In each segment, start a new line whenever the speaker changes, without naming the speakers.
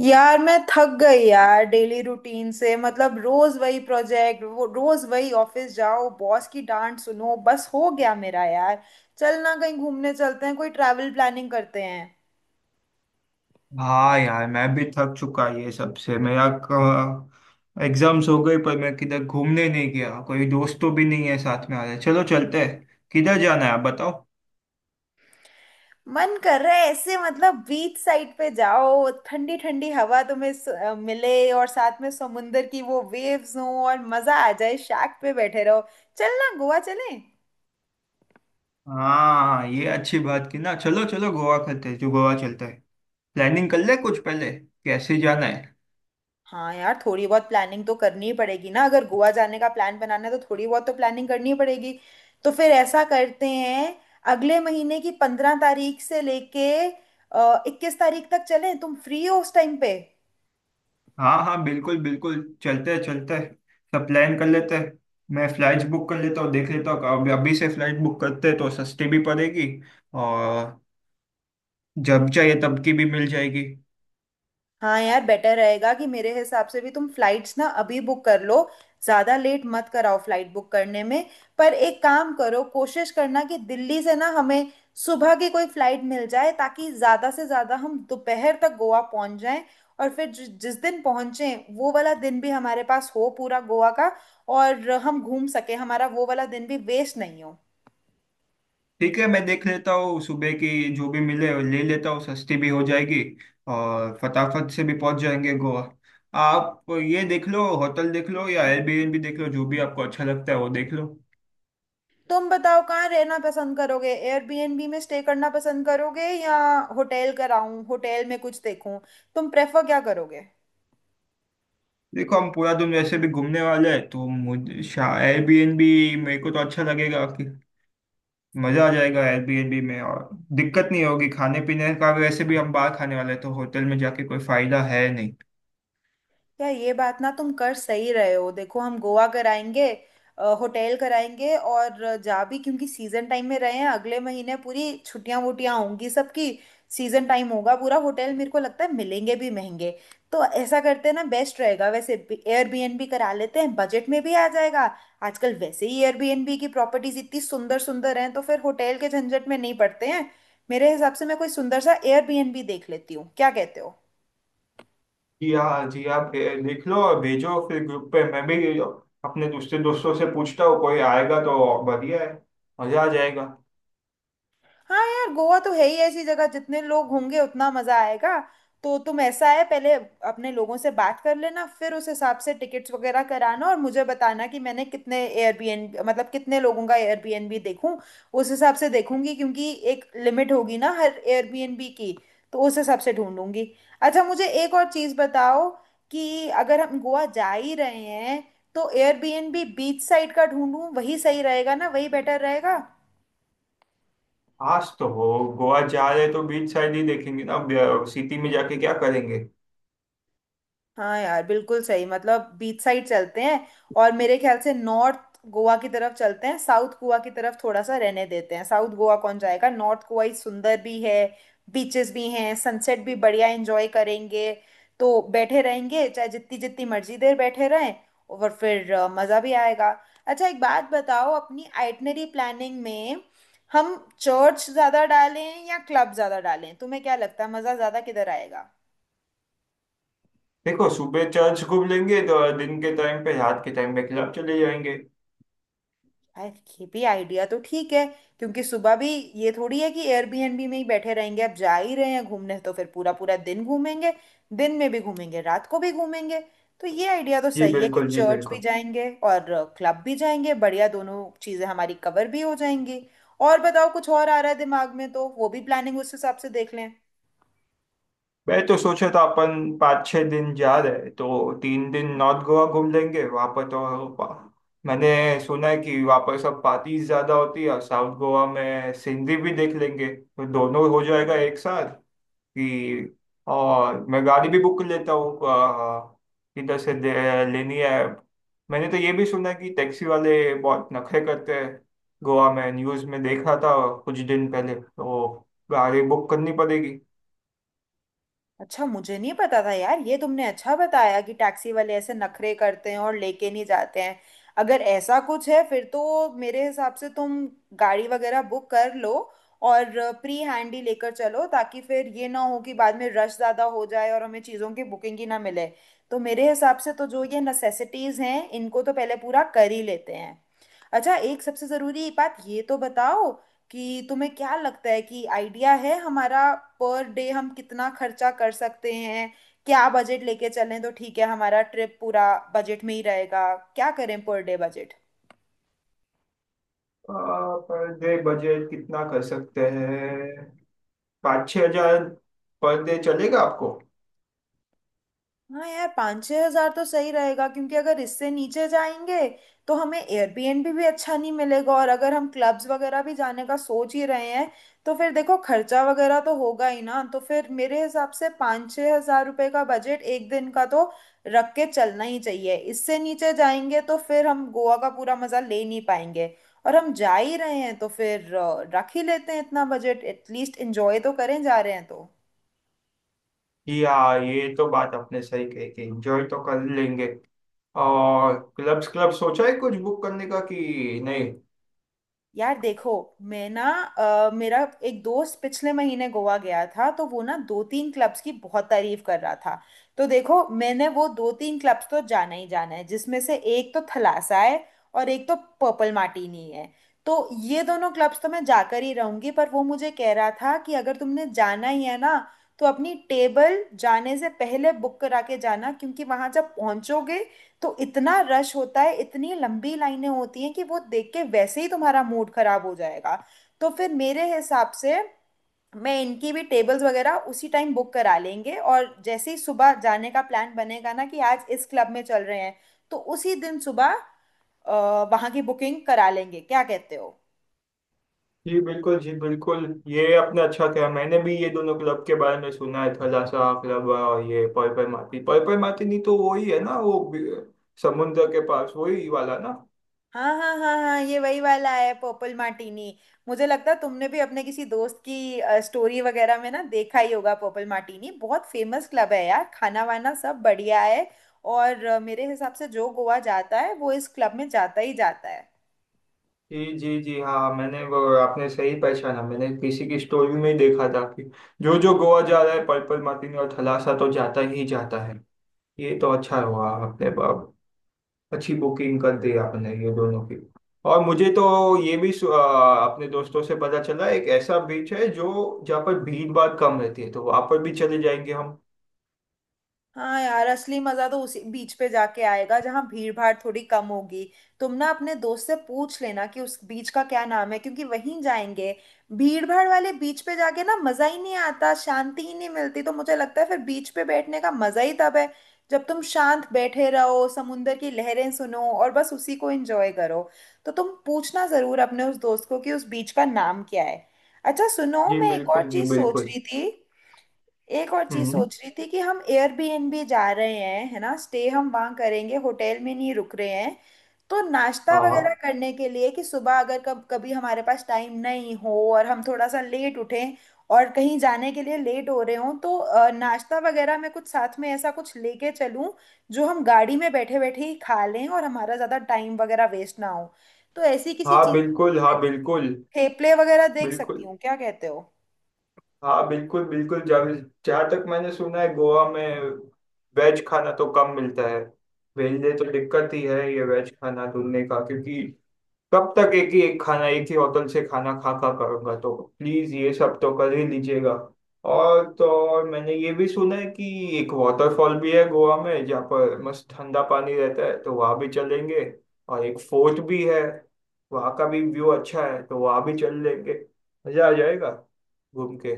यार मैं थक गई यार। डेली रूटीन से मतलब रोज वही प्रोजेक्ट वो रोज वही ऑफिस जाओ बॉस की डांट सुनो। बस हो गया मेरा यार। चल ना कहीं घूमने चलते हैं कोई ट्रैवल प्लानिंग करते हैं।
हाँ यार मैं भी थक चुका ये सबसे मेरा। एग्जाम्स हो गई पर मैं किधर घूमने नहीं गया, कोई दोस्त तो भी नहीं है साथ में आ रहे। चलो चलते हैं, किधर जाना है आप बताओ।
मन कर रहा है ऐसे मतलब बीच साइड पे जाओ ठंडी ठंडी हवा तुम्हें मिले और साथ में समुंदर की वो वेव्स हो और मजा आ जाए शैक पे बैठे रहो। चल ना गोवा चलें।
हाँ ये अच्छी बात की ना, चलो चलो गोवा करते हैं, जो गोवा चलते हैं। प्लानिंग कर ले कुछ पहले। कैसे जाना है।
हाँ यार थोड़ी बहुत प्लानिंग तो करनी ही पड़ेगी ना। अगर गोवा जाने का प्लान बनाना है तो थोड़ी बहुत तो प्लानिंग करनी ही पड़ेगी। तो फिर ऐसा करते हैं। अगले महीने की 15 तारीख से लेके 21 तारीख तक चलें। तुम फ्री हो उस टाइम पे?
हाँ हाँ बिल्कुल बिल्कुल। चलते हैं चलते हैं। सब प्लान कर लेते हैं। मैं फ्लाइट्स बुक कर लेता हूँ, देख लेता हूँ, अभी अभी से फ्लाइट बुक करते हैं तो सस्ती भी पड़ेगी। और जब चाहिए तब की भी मिल जाएगी।
हाँ यार बेटर रहेगा कि मेरे हिसाब से भी तुम फ्लाइट्स ना अभी बुक कर लो। ज़्यादा लेट मत कराओ फ्लाइट बुक करने में। पर एक काम करो कोशिश करना कि दिल्ली से ना हमें सुबह की कोई फ्लाइट मिल जाए ताकि ज़्यादा से ज़्यादा हम दोपहर तक गोवा पहुंच जाएं। और फिर जिस दिन पहुंचें वो वाला दिन भी हमारे पास हो पूरा गोवा का और हम घूम सके। हमारा वो वाला दिन भी वेस्ट नहीं हो।
ठीक है, मैं देख लेता हूँ सुबह की। जो भी मिले ले लेता हूँ, सस्ती भी हो जाएगी। और फटाफट से भी पहुंच जाएंगे गोवा। आप ये देख लो, होटल देख लो या एयरबीएनबी देख लो, जो भी आपको अच्छा लगता है वो देख लो।
तुम बताओ कहाँ रहना पसंद करोगे? एयरबीएनबी में स्टे करना पसंद करोगे या होटल कराऊं होटल में कुछ देखूं? तुम प्रेफर क्या करोगे?
देखो हम पूरा दिन वैसे भी घूमने वाले हैं तो मुझे एयरबीएनबी, मेरे को तो अच्छा लगेगा कि मजा आ जाएगा एयरबीएनबी में। और दिक्कत नहीं होगी खाने पीने का, भी वैसे भी हम बाहर खाने वाले हैं तो होटल में जाके कोई फायदा है नहीं।
तो यार ये बात ना तुम कर सही रहे हो। देखो हम गोवा कराएंगे होटल कराएंगे और जा भी क्योंकि सीजन टाइम में रहे हैं। अगले महीने पूरी छुट्टियां वुट्टियां होंगी सबकी। सीजन टाइम होगा पूरा। होटल मेरे को लगता है मिलेंगे भी महंगे। तो ऐसा करते हैं ना बेस्ट रहेगा। वैसे एयरबीएनबी करा लेते हैं बजट में भी आ जाएगा। आजकल वैसे ही एयरबीएनबी की प्रॉपर्टीज इतनी सुंदर सुंदर हैं तो फिर होटल के झंझट में नहीं पड़ते हैं। मेरे हिसाब से मैं कोई सुंदर सा एयरबीएनबी देख लेती हूँ। क्या कहते हो?
जी हाँ जी, आप लिख लो और भेजो फिर ग्रुप पे। मैं भी अपने दूसरे दोस्तों से पूछता हूँ, कोई आएगा तो बढ़िया है। मजा आ जाएगा।
हाँ यार गोवा तो है ही ऐसी जगह। जितने लोग होंगे उतना मजा आएगा। तो तुम ऐसा है पहले अपने लोगों से बात कर लेना फिर उस हिसाब से टिकट्स वगैरह कराना और मुझे बताना कि मैंने कितने एयरबीएन मतलब कितने लोगों का एयरबीएनबी देखूं। उस हिसाब से देखूंगी क्योंकि एक लिमिट होगी ना हर एयरबीएनबी की। तो उस हिसाब से ढूंढूंगी। अच्छा मुझे एक और चीज़ बताओ कि अगर हम गोवा जा ही रहे हैं तो एयरबीएनबी बीच साइड का ढूंढूं वही सही रहेगा ना वही बेटर रहेगा।
आज तो हो, गोवा जा रहे तो बीच साइड ही देखेंगे ना, अब सिटी में जाके क्या करेंगे।
हाँ यार बिल्कुल सही मतलब बीच साइड चलते हैं। और मेरे ख्याल से नॉर्थ गोवा की तरफ चलते हैं। साउथ गोवा की तरफ थोड़ा सा रहने देते हैं। साउथ गोवा कौन जाएगा। नॉर्थ गोवा ही सुंदर भी है। बीचेस भी हैं। सनसेट भी बढ़िया एंजॉय करेंगे। तो बैठे रहेंगे चाहे जितनी जितनी मर्जी देर बैठे रहें और फिर मज़ा भी आएगा। अच्छा एक बात बताओ अपनी आइटनरी प्लानिंग में हम चर्च ज़्यादा डालें या क्लब ज़्यादा डालें? तुम्हें क्या लगता है मज़ा ज़्यादा किधर आएगा?
देखो, सुबह चर्च घूम लेंगे तो दिन के टाइम पे, रात के टाइम पे क्लब चले जाएंगे।
यार ये भी आइडिया तो ठीक है। क्योंकि सुबह भी ये थोड़ी है कि एयरबीएनबी में ही बैठे रहेंगे। अब जा ही रहे हैं घूमने तो फिर पूरा पूरा दिन घूमेंगे। दिन में भी घूमेंगे रात को भी घूमेंगे। तो ये आइडिया तो
जी
सही है कि
बिल्कुल जी
चर्च भी
बिल्कुल।
जाएंगे और क्लब भी जाएंगे। बढ़िया दोनों चीज़ें हमारी कवर भी हो जाएंगी। और बताओ कुछ और आ रहा है दिमाग में तो वो भी प्लानिंग उस हिसाब से देख लें।
मैं तो सोचा था अपन 5-6 दिन जा रहे हैं, तो 3 दिन नॉर्थ गोवा घूम लेंगे, वहाँ पर तो मैंने सुना है कि वहाँ पर सब पार्टीज ज़्यादा होती है, और साउथ गोवा में सीनरी भी देख लेंगे तो दोनों हो जाएगा एक साथ कि। और मैं गाड़ी भी बुक कर लेता हूँ किधर से लेनी है। मैंने तो ये भी सुना है कि टैक्सी वाले बहुत नखरे करते हैं गोवा में, न्यूज़ में देखा था कुछ दिन पहले, तो गाड़ी बुक करनी पड़ेगी।
अच्छा मुझे नहीं पता था यार। ये तुमने अच्छा बताया कि टैक्सी वाले ऐसे नखरे करते हैं और लेके नहीं जाते हैं। अगर ऐसा कुछ है फिर तो मेरे हिसाब से तुम गाड़ी वगैरह बुक कर लो। और प्री हैंड ही लेकर चलो ताकि फिर ये ना हो कि बाद में रश ज़्यादा हो जाए और हमें चीज़ों की बुकिंग ही ना मिले। तो मेरे हिसाब से तो जो ये नेसेसिटीज़ हैं इनको तो पहले पूरा कर ही लेते हैं। अच्छा एक सबसे ज़रूरी बात ये तो बताओ कि तुम्हें क्या लगता है कि आइडिया है हमारा पर डे हम कितना खर्चा कर सकते हैं? क्या बजट लेके चलें तो ठीक है हमारा ट्रिप पूरा बजट में ही रहेगा? क्या करें per day budget?
Per day budget कितना कर सकते हैं, 5-6 हज़ार पर डे चलेगा आपको।
हाँ यार 5-6 हजार तो सही रहेगा क्योंकि अगर इससे नीचे जाएंगे तो हमें एयरबीएनबी भी अच्छा नहीं मिलेगा। और अगर हम क्लब्स वगैरह भी जाने का सोच ही रहे हैं तो फिर देखो खर्चा वगैरह तो होगा ही ना। तो फिर मेरे हिसाब से 5-6 हजार रुपये का बजट एक दिन का तो रख के चलना ही चाहिए। इससे नीचे जाएंगे तो फिर हम गोवा का पूरा मज़ा ले नहीं पाएंगे। और हम जा ही रहे हैं तो फिर रख ही लेते हैं इतना बजट। एटलीस्ट एंजॉय तो करें जा रहे हैं तो।
या ये तो बात आपने सही कही कि एंजॉय तो कर लेंगे। और क्लब्स, क्लब सोचा है कुछ बुक करने का कि नहीं।
यार देखो मैं ना मेरा एक दोस्त पिछले महीने गोवा गया था। तो वो ना दो तीन क्लब्स की बहुत तारीफ कर रहा था। तो देखो मैंने वो दो तीन क्लब्स तो जाना ही जाना है। जिसमें से एक तो थलासा है और एक तो पर्पल मार्टिनी है। तो ये दोनों क्लब्स तो मैं जाकर ही रहूंगी। पर वो मुझे कह रहा था कि अगर तुमने जाना ही है ना तो अपनी टेबल जाने से पहले बुक करा के जाना। क्योंकि वहां जब पहुंचोगे तो इतना रश होता है इतनी लंबी लाइनें होती हैं कि वो देख के वैसे ही तुम्हारा मूड खराब हो जाएगा। तो फिर मेरे हिसाब से मैं इनकी भी टेबल्स वगैरह उसी टाइम बुक करा लेंगे। और जैसे ही सुबह जाने का प्लान बनेगा ना कि आज इस क्लब में चल रहे हैं तो उसी दिन सुबह वहाँ की बुकिंग करा लेंगे। क्या कहते हो?
जी बिल्कुल जी बिल्कुल, ये आपने अच्छा किया। मैंने भी ये दोनों क्लब के बारे में सुना है, थलासा क्लब और ये पर्पल मार्टिन, पर्पल मार्टिन ही तो वही है ना, वो समुद्र के पास वही वाला ना।
हाँ हाँ हाँ हाँ, ये वही वाला है पर्पल मार्टिनी। मुझे लगता है तुमने भी अपने किसी दोस्त की स्टोरी वगैरह में ना देखा ही होगा। पर्पल मार्टिनी बहुत फेमस क्लब है यार। खाना वाना सब बढ़िया है। और मेरे हिसाब से जो गोवा जाता है वो इस क्लब में जाता ही जाता है।
जी जी जी हाँ, मैंने वो, आपने सही पहचाना, मैंने किसी की स्टोरी में ही देखा था कि जो जो गोवा जा रहा है पर्पल मार्टिनी और थलासा तो जाता ही जाता है। ये तो अच्छा हुआ आपने अच्छी बुकिंग कर दी आपने ये दोनों की। और मुझे तो ये भी अपने दोस्तों से पता चला, एक ऐसा बीच है जो, जहाँ पर भीड़ भाड़ कम रहती है, तो वहाँ पर भी चले जाएंगे हम।
हाँ यार असली मजा तो उसी बीच पे जाके आएगा जहाँ भीड़ भाड़ थोड़ी कम होगी। तुम ना अपने दोस्त से पूछ लेना कि उस बीच का क्या नाम है क्योंकि वहीं जाएंगे। भीड़ भाड़ वाले बीच पे जाके ना मजा ही नहीं आता। शांति ही नहीं मिलती। तो मुझे लगता है फिर बीच पे बैठने का मजा ही तब है जब तुम शांत बैठे रहो समुंदर की लहरें सुनो और बस उसी को एंजॉय करो। तो तुम पूछना जरूर अपने उस दोस्त को कि उस बीच का नाम क्या है। अच्छा सुनो
जी
मैं एक और
बिल्कुल जी
चीज सोच
बिल्कुल।
रही थी।
हम्म।
कि हम एयरबीएनबी जा रहे हैं है ना। स्टे हम वहां करेंगे होटल में नहीं रुक रहे हैं। तो नाश्ता वगैरह
हाँ।
करने के लिए कि सुबह अगर कब कभी हमारे पास टाइम नहीं हो और हम थोड़ा सा लेट उठें और कहीं जाने के लिए लेट हो रहे हों तो नाश्ता वगैरह में कुछ साथ में ऐसा कुछ लेके चलूं जो हम गाड़ी में बैठे बैठे ही खा लें और हमारा ज्यादा टाइम वगैरह वेस्ट ना हो। तो ऐसी किसी चीज के लिए मैं
हाँ बिल्कुल
थेपले वगैरह देख सकती
बिल्कुल।
हूँ। क्या कहते हो?
हाँ बिल्कुल बिल्कुल। जब जहाँ तक मैंने सुना है गोवा में वेज खाना तो कम मिलता है, मेरे लिए तो दिक्कत ही है ये वेज खाना ढूंढने का, क्योंकि कब तक एक ही, एक खाना, एक ही होटल से खाना खा खा करूंगा, तो प्लीज ये सब तो कर ही लीजिएगा। और तो और मैंने ये भी सुना है कि एक वाटरफॉल भी है गोवा में, जहाँ पर मस्त ठंडा पानी रहता है, तो वहाँ भी चलेंगे। और एक फोर्ट भी है, वहाँ का भी व्यू अच्छा है तो वहाँ भी चल लेंगे। मजा आ जाएगा घूम के।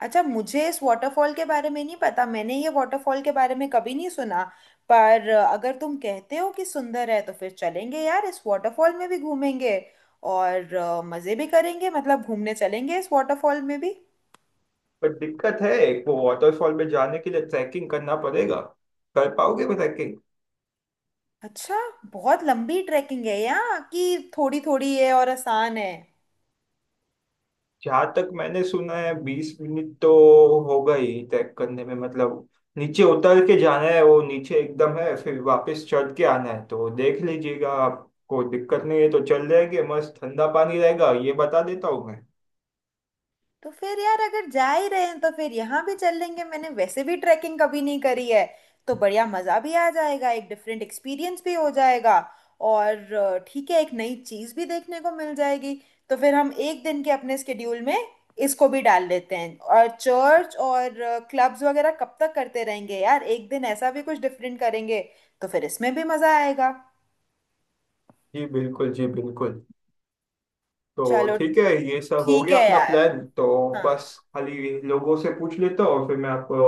अच्छा मुझे इस वाटरफॉल के बारे में नहीं पता। मैंने ये वाटरफॉल के बारे में कभी नहीं सुना। पर अगर तुम कहते हो कि सुंदर है तो फिर चलेंगे यार। इस वाटरफॉल में भी घूमेंगे और मजे भी करेंगे मतलब घूमने चलेंगे इस वाटरफॉल में भी।
पर दिक्कत है एक, वो वाटरफॉल में जाने के लिए ट्रैकिंग करना पड़ेगा। कर पाओगे वो ट्रैकिंग।
अच्छा बहुत लंबी ट्रैकिंग है यहाँ कि थोड़ी थोड़ी है और आसान है?
जहाँ तक मैंने सुना है 20 मिनट तो होगा ही ट्रैक करने में। मतलब नीचे उतर के जाना है, वो नीचे एकदम है, फिर वापस चढ़ के आना है, तो देख लीजिएगा, आपको दिक्कत नहीं है तो चल जाएंगे। मस्त ठंडा पानी रहेगा ये बता देता हूँ मैं।
तो फिर यार अगर जा ही रहे हैं तो फिर यहाँ भी चल लेंगे। मैंने वैसे भी ट्रैकिंग कभी नहीं करी है। तो बढ़िया मज़ा भी आ जाएगा। एक डिफरेंट एक्सपीरियंस भी हो जाएगा। और ठीक है एक नई चीज़ भी देखने को मिल जाएगी। तो फिर हम एक दिन के अपने स्केड्यूल में इसको भी डाल लेते हैं। और चर्च और क्लब्स वगैरह कब तक करते रहेंगे यार? एक दिन ऐसा भी कुछ डिफरेंट करेंगे तो फिर इसमें भी मज़ा आएगा।
जी बिल्कुल जी बिल्कुल। तो
चलो
ठीक है, ये सब हो
ठीक
गया
है
अपना
यार।
प्लान तो।
हाँ।
बस खाली लोगों से पूछ लेता हूँ, और फिर मैं आपको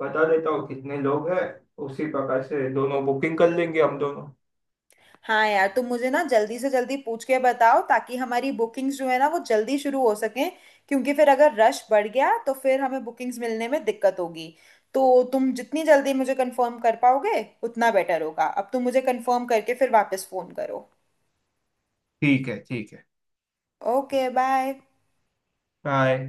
बता देता हूँ कितने लोग हैं, उसी प्रकार से दोनों बुकिंग कर लेंगे हम दोनों।
हाँ यार तुम मुझे ना जल्दी से जल्दी पूछ के बताओ ताकि हमारी बुकिंग्स जो है ना वो जल्दी शुरू हो सकें। क्योंकि फिर अगर रश बढ़ गया तो फिर हमें बुकिंग्स मिलने में दिक्कत होगी। तो तुम जितनी जल्दी मुझे कंफर्म कर पाओगे उतना बेटर होगा। अब तुम मुझे कंफर्म करके फिर वापस फ़ोन करो।
ठीक है ठीक है।
Okay bye.
बाय।